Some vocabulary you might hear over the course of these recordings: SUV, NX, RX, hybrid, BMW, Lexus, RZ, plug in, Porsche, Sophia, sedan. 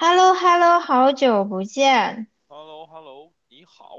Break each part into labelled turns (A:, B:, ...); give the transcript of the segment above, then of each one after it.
A: h e l l o h e l l o 好久不见，
B: h e l l o h e l l o 你好，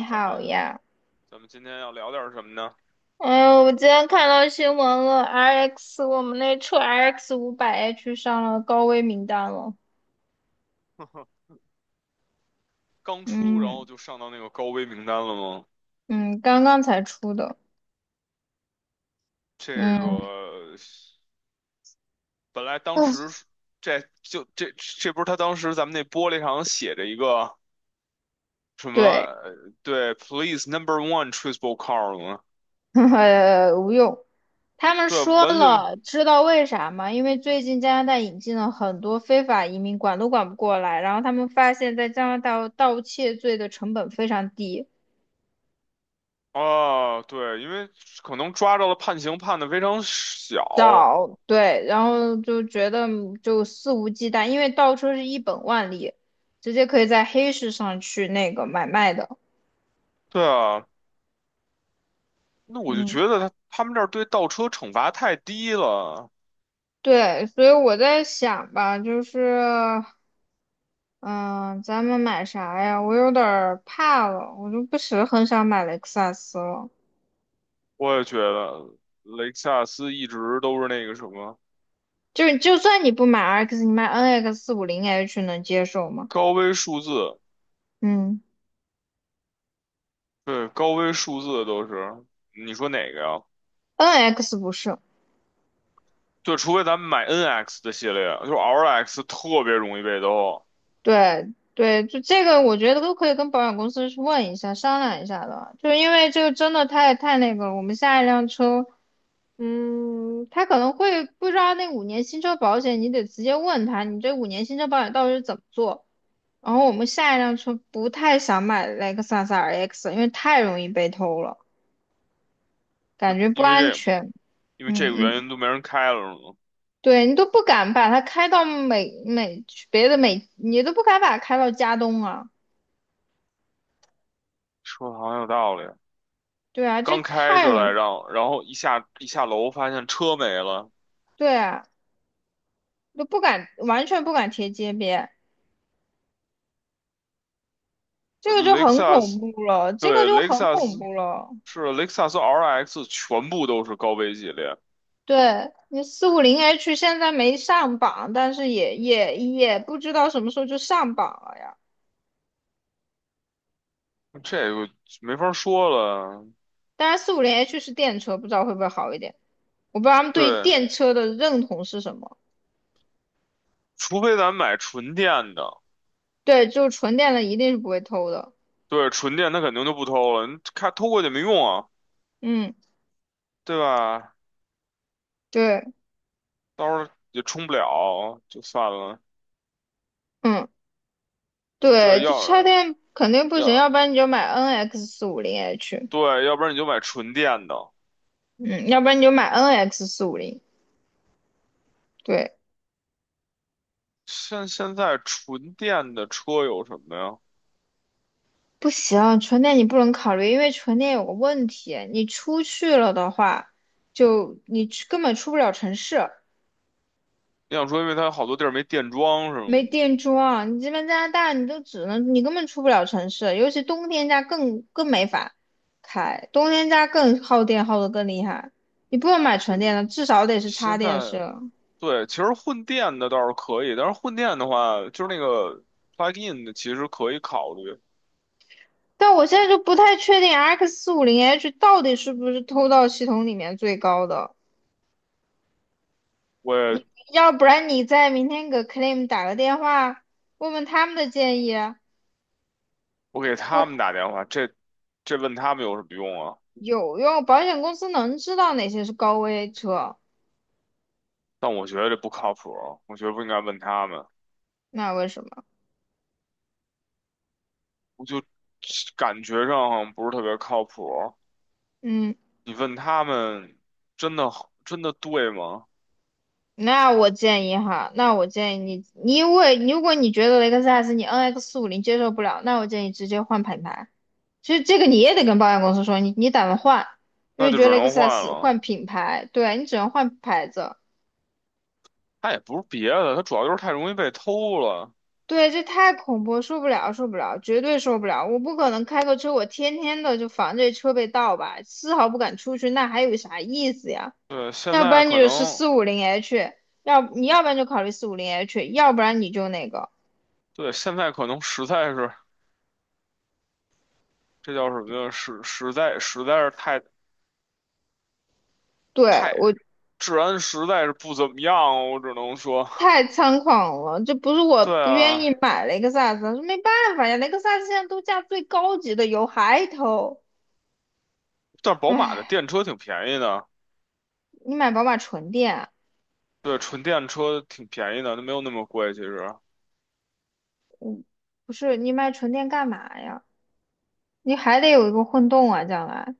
A: 你
B: 咱
A: 好
B: 们
A: 呀！
B: 咱们今天要聊点什么呢？
A: 哎呦，我今天看到新闻了，RX 我们那车 RX 500 H 上了高危名单了。
B: 刚出，然后
A: 嗯
B: 就上到那个高危名单了吗？
A: 嗯，刚刚才出的。
B: 这
A: 嗯，
B: 个本来当时是这就这这不是他当时咱们那玻璃上写着一个什么
A: 对，
B: 对，Please Number One Traceable Car 吗？
A: 无用。他们
B: 对，
A: 说
B: 完全没
A: 了，知道为啥吗？因为最近加拿大引进了很多非法移民，管都管不过来。然后他们发现，在加拿大盗窃罪的成本非常低，
B: 啊，对，因为可能抓着了判刑判的非常小，
A: 找，对，然后就觉得就肆无忌惮，因为倒车是一本万利，直接可以在黑市上去那个买卖的。
B: 对啊，那我就
A: 嗯，
B: 觉得他们这儿对倒车惩罚太低了。
A: 对，所以我在想吧，就是，嗯、咱们买啥呀？我有点儿怕了，我就不是很想买雷克萨斯了。
B: 我也觉得雷克萨斯一直都是那个什么
A: 就是就算你不买 RX，你买 NX 四五零 H 能接受吗？
B: 高危数字，
A: 嗯
B: 对，高危数字都是。你说哪个呀？
A: ，NX 不是。
B: 对，除非咱们买 NX 的系列，就是 RX 特别容易被兜，
A: 对对，就这个，我觉得都可以跟保险公司去问一下、商量一下的。就是因为这个真的太那个了，我们下一辆车，他可能会不知道那五年新车保险，你得直接问他，你这五年新车保险到底是怎么做。然后我们下一辆车不太想买雷克萨斯 RX，因为太容易被偷了，
B: 就
A: 感觉不
B: 因为
A: 安
B: 这
A: 全。
B: 因为
A: 嗯
B: 这个原
A: 嗯，
B: 因都没人开了是吗？
A: 对你都不敢把它开到别的美，你都不敢把它开到加东啊。
B: 说的好像有道理。
A: 对啊，
B: 刚
A: 这
B: 开
A: 太
B: 就
A: 容
B: 来
A: 易
B: 让，然后一下楼发现车没了。
A: 对啊，都不敢，完全不敢贴街边，这
B: 呃
A: 个就
B: 雷克
A: 很
B: 萨
A: 恐
B: 斯
A: 怖了，这个
B: 对，
A: 就很恐怖了。
B: 雷克萨斯 RX 全部都是高危系列，
A: 对，你四五零 H 现在没上榜，但是也不知道什么时候就上榜了呀。
B: 这个没法说了。
A: 当然，四五零 H 是电车，不知道会不会好一点。我不知道他们对于
B: 对，
A: 电车的认同是什么。
B: 除非咱买纯电的，
A: 对，就纯电的一定是不会偷的。
B: 对，纯电它肯定就不偷了，你看偷过去没用啊，
A: 嗯，
B: 对吧？
A: 对，
B: 到时候也充不了，就算了。
A: 嗯，
B: 对，
A: 对，就
B: 要
A: 插
B: 是
A: 电肯定不行，要
B: 要
A: 不然你就买 NX 四五零 H，
B: 对，要不然你就买纯电的。
A: 嗯，要不然你就买 NX 四五零。对，
B: 现在纯电的车有什么呀？
A: 不行，纯电你不能考虑，因为纯电有个问题，你出去了的话，就你出根本出不了城市，
B: 你想说，因为它好多地儿没电桩是
A: 没
B: 吗？
A: 电桩。你这边加拿大，你都只能你根本出不了城市，尤其冬天家更没法开，冬天家更耗电耗的更厉害。你不能买纯
B: 就
A: 电
B: 是
A: 的，至少得是插
B: 现
A: 电
B: 在
A: 式的。
B: 对，其实混电的倒是可以，但是混电的话，就是那个 plug in 的，其实可以考虑。
A: 但我现在就不太确定 X 四五零 H 到底是不是偷到系统里面最高的。
B: 我也
A: 要不然你再明天给 claim 打个电话，问问他们的建议，
B: 我给他们
A: 就
B: 打电话，这问他们有什么用啊？
A: 有用。保险公司能知道哪些是高危车，
B: 但我觉得这不靠谱啊，我觉得不应该问他们。
A: 那为什么？
B: 我就感觉上好像不是特别靠谱。
A: 嗯，
B: 你问他们，真的真的对吗？
A: 那我建议哈，那我建议你，你因为如果你觉得雷克萨斯你 NX 五零接受不了，那我建议直接换品牌。其实这个你也得跟保险公司说，你打算换，因
B: 那
A: 为
B: 就
A: 觉得
B: 只
A: 雷克
B: 能
A: 萨
B: 换
A: 斯
B: 了。
A: 换品牌，对啊你只能换牌子。
B: 他也不是别的，他主要就是太容易被偷了。
A: 对，这太恐怖，受不了，受不了，绝对受不了！我不可能开个车，我天天的就防这车被盗吧，丝毫不敢出去，那还有啥意思呀？
B: 对，现
A: 要不
B: 在
A: 然你
B: 可
A: 就是
B: 能，
A: 四五零 H，你要不然就考虑四五零 H，要不然你就那个，
B: 对，现在可能实在是，这叫什么呀？实在是太
A: 对，
B: 太
A: 我
B: 治安实在是不怎么样啊，我只能说，
A: 太猖狂了，这不是我
B: 对
A: 不愿意
B: 啊。
A: 买雷克萨斯，是没办法呀，雷克萨斯现在都价最高级的油，还偷，
B: 但是宝马的
A: 唉，
B: 电车挺便宜的，
A: 你买宝马纯电啊，
B: 对，纯电车挺便宜的，它没有那么贵。其实
A: 不是你买纯电干嘛呀？你还得有一个混动啊，将来。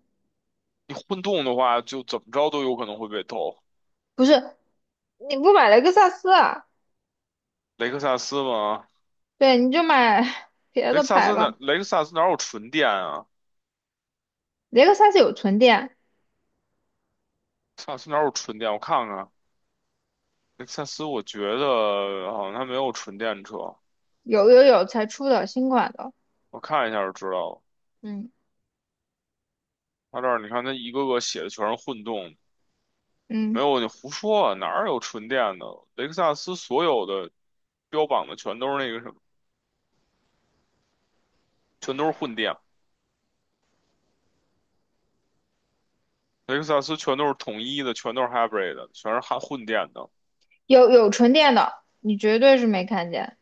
B: 你混动的话，就怎么着都有可能会被偷。
A: 不是，你不买雷克萨斯啊？
B: 雷克萨斯嘛，
A: 对，你就买 别
B: 雷
A: 的
B: 克萨
A: 牌
B: 斯
A: 吧。
B: 哪雷克萨斯哪有纯电啊？雷
A: 雷克萨斯有纯电，
B: 克萨斯哪有纯电？我看看，雷克萨斯我觉得好像它没有纯电车，
A: 有才出的新款的，
B: 我看一下就知道了。
A: 嗯
B: 它这儿你看，它一个个写的全是混动，没
A: 嗯，
B: 有你胡说啊哪儿有纯电的？雷克萨斯所有的标榜的全都是那个什么，全都是混电。雷克萨斯全都是统一的，全都是 hybrid 的全是含混电的。
A: 有纯电的，你绝对是没看见。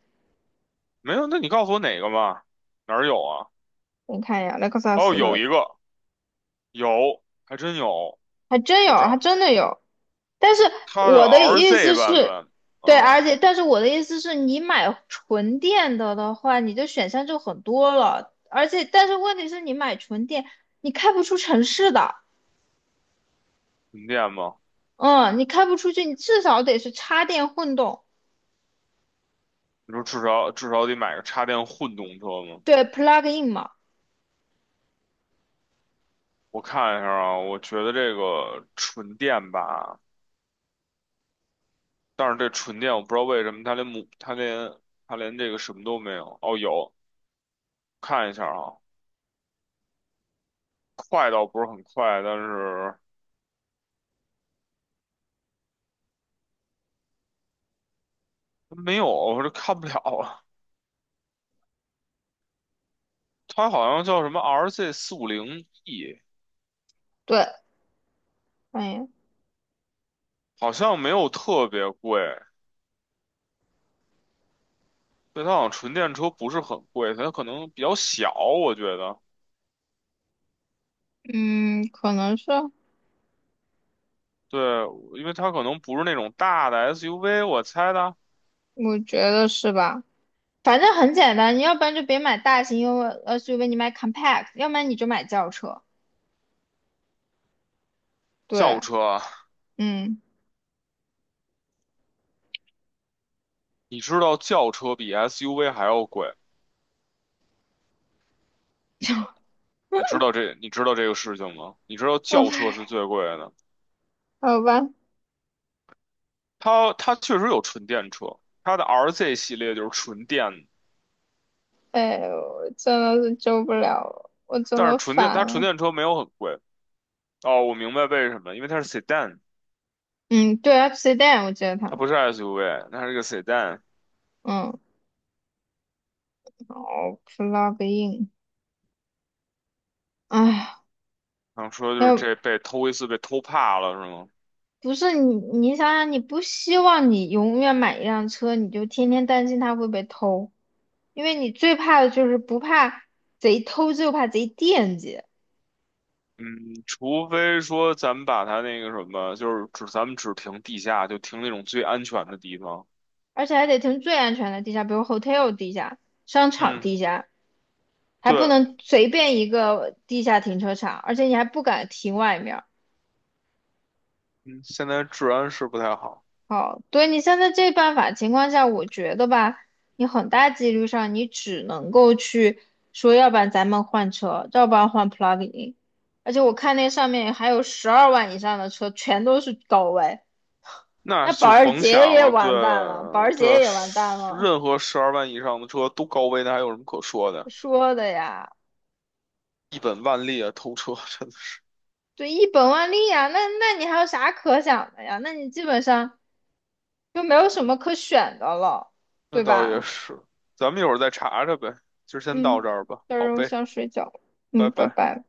B: 没有，那你告诉我哪个嘛？哪儿有啊？
A: 你看一下雷克萨
B: 哦，
A: 斯
B: 有
A: 的，
B: 一个，有，还真有，
A: 还真有，
B: 我知
A: 还
B: 道
A: 真的有。但是
B: 它的
A: 我的意
B: RZ
A: 思
B: 版
A: 是，
B: 本，
A: 对，
B: 嗯，
A: 而且但是我的意思是你买纯电的话，你的选项就很多了，而且但是问题是你买纯电，你开不出城市的。
B: 混电吗？
A: 嗯，你开不出去，你至少得是插电混动，
B: 你说至少得买个插电混动车吗？
A: 对，plug in 嘛，
B: 我看一下啊，我觉得这个纯电吧，但是这纯电我不知道为什么它连母它连它连这个什么都没有。哦，有，看一下啊，快倒不是很快，但是。没有，我这看不了啊。它好像叫什么 RZ450E，
A: 对，哎，
B: 好像没有特别贵。对，它好像纯电车不是很贵，它可能比较小，我觉得。
A: 嗯，可能是，
B: 对，因为它可能不是那种大的 SUV，我猜的。
A: 我觉得是吧，反正很简单，你要不然就别买大型 SUV，你买 compact，要不然你就买轿车，
B: 轿
A: 对，
B: 车啊
A: 嗯，
B: 你知道轿车比 SUV 还要贵，你知道这个事情吗？你知道
A: 哦，
B: 轿车是最贵的，
A: 好吧，
B: 它确实有纯电车，它的 RZ 系列就是纯电的，
A: 哎，我真的是救不了了，我真
B: 但是
A: 的烦
B: 纯
A: 了，
B: 电车没有很贵。哦，我明白为什么，因为它是 sedan，
A: 嗯，对，F s e d a 我记得它，
B: 它不是 SUV，它是个 sedan。
A: 嗯，哦，plug in，哎，
B: 然后说就是
A: 要
B: 这被偷一次被偷怕了是吗？
A: 不是你，你想想，你不希望你永远买一辆车，你就天天担心它会被偷，因为你最怕的就是不怕贼偷，就怕贼惦记，
B: 嗯，除非说咱们把它那个什么，就是咱们只停地下，就停那种最安全的地方。
A: 而且还得停最安全的地下，比如 hotel 地下、商场
B: 嗯，
A: 地下，还不
B: 对，
A: 能随便一个地下停车场，而且你还不敢停外面。
B: 嗯，现在治安是不太好，
A: 好，对你现在这办法情况下，我觉得吧，你很大几率上你只能够去说，要不然咱们换车，要不然换 plug-in。而且我看那上面还有12万以上的车，全都是高位，
B: 那
A: 那
B: 就
A: 保时
B: 甭
A: 捷
B: 想
A: 也
B: 了。对
A: 完蛋了，保时
B: 对，
A: 捷也完蛋了。
B: 任何12万以上的车都高危，那还有什么可说的？
A: 说的呀，
B: 一本万利啊，偷车真的是。
A: 对，一本万利呀，那你还有啥可想的呀？那你基本上就没有什么可选的了，
B: 那
A: 对
B: 倒也
A: 吧？
B: 是，咱们一会儿再查查呗，就先到这
A: 嗯，
B: 儿吧。
A: 到
B: 好
A: 时候
B: 呗，
A: 想睡觉，嗯，
B: 拜
A: 拜
B: 拜。
A: 拜。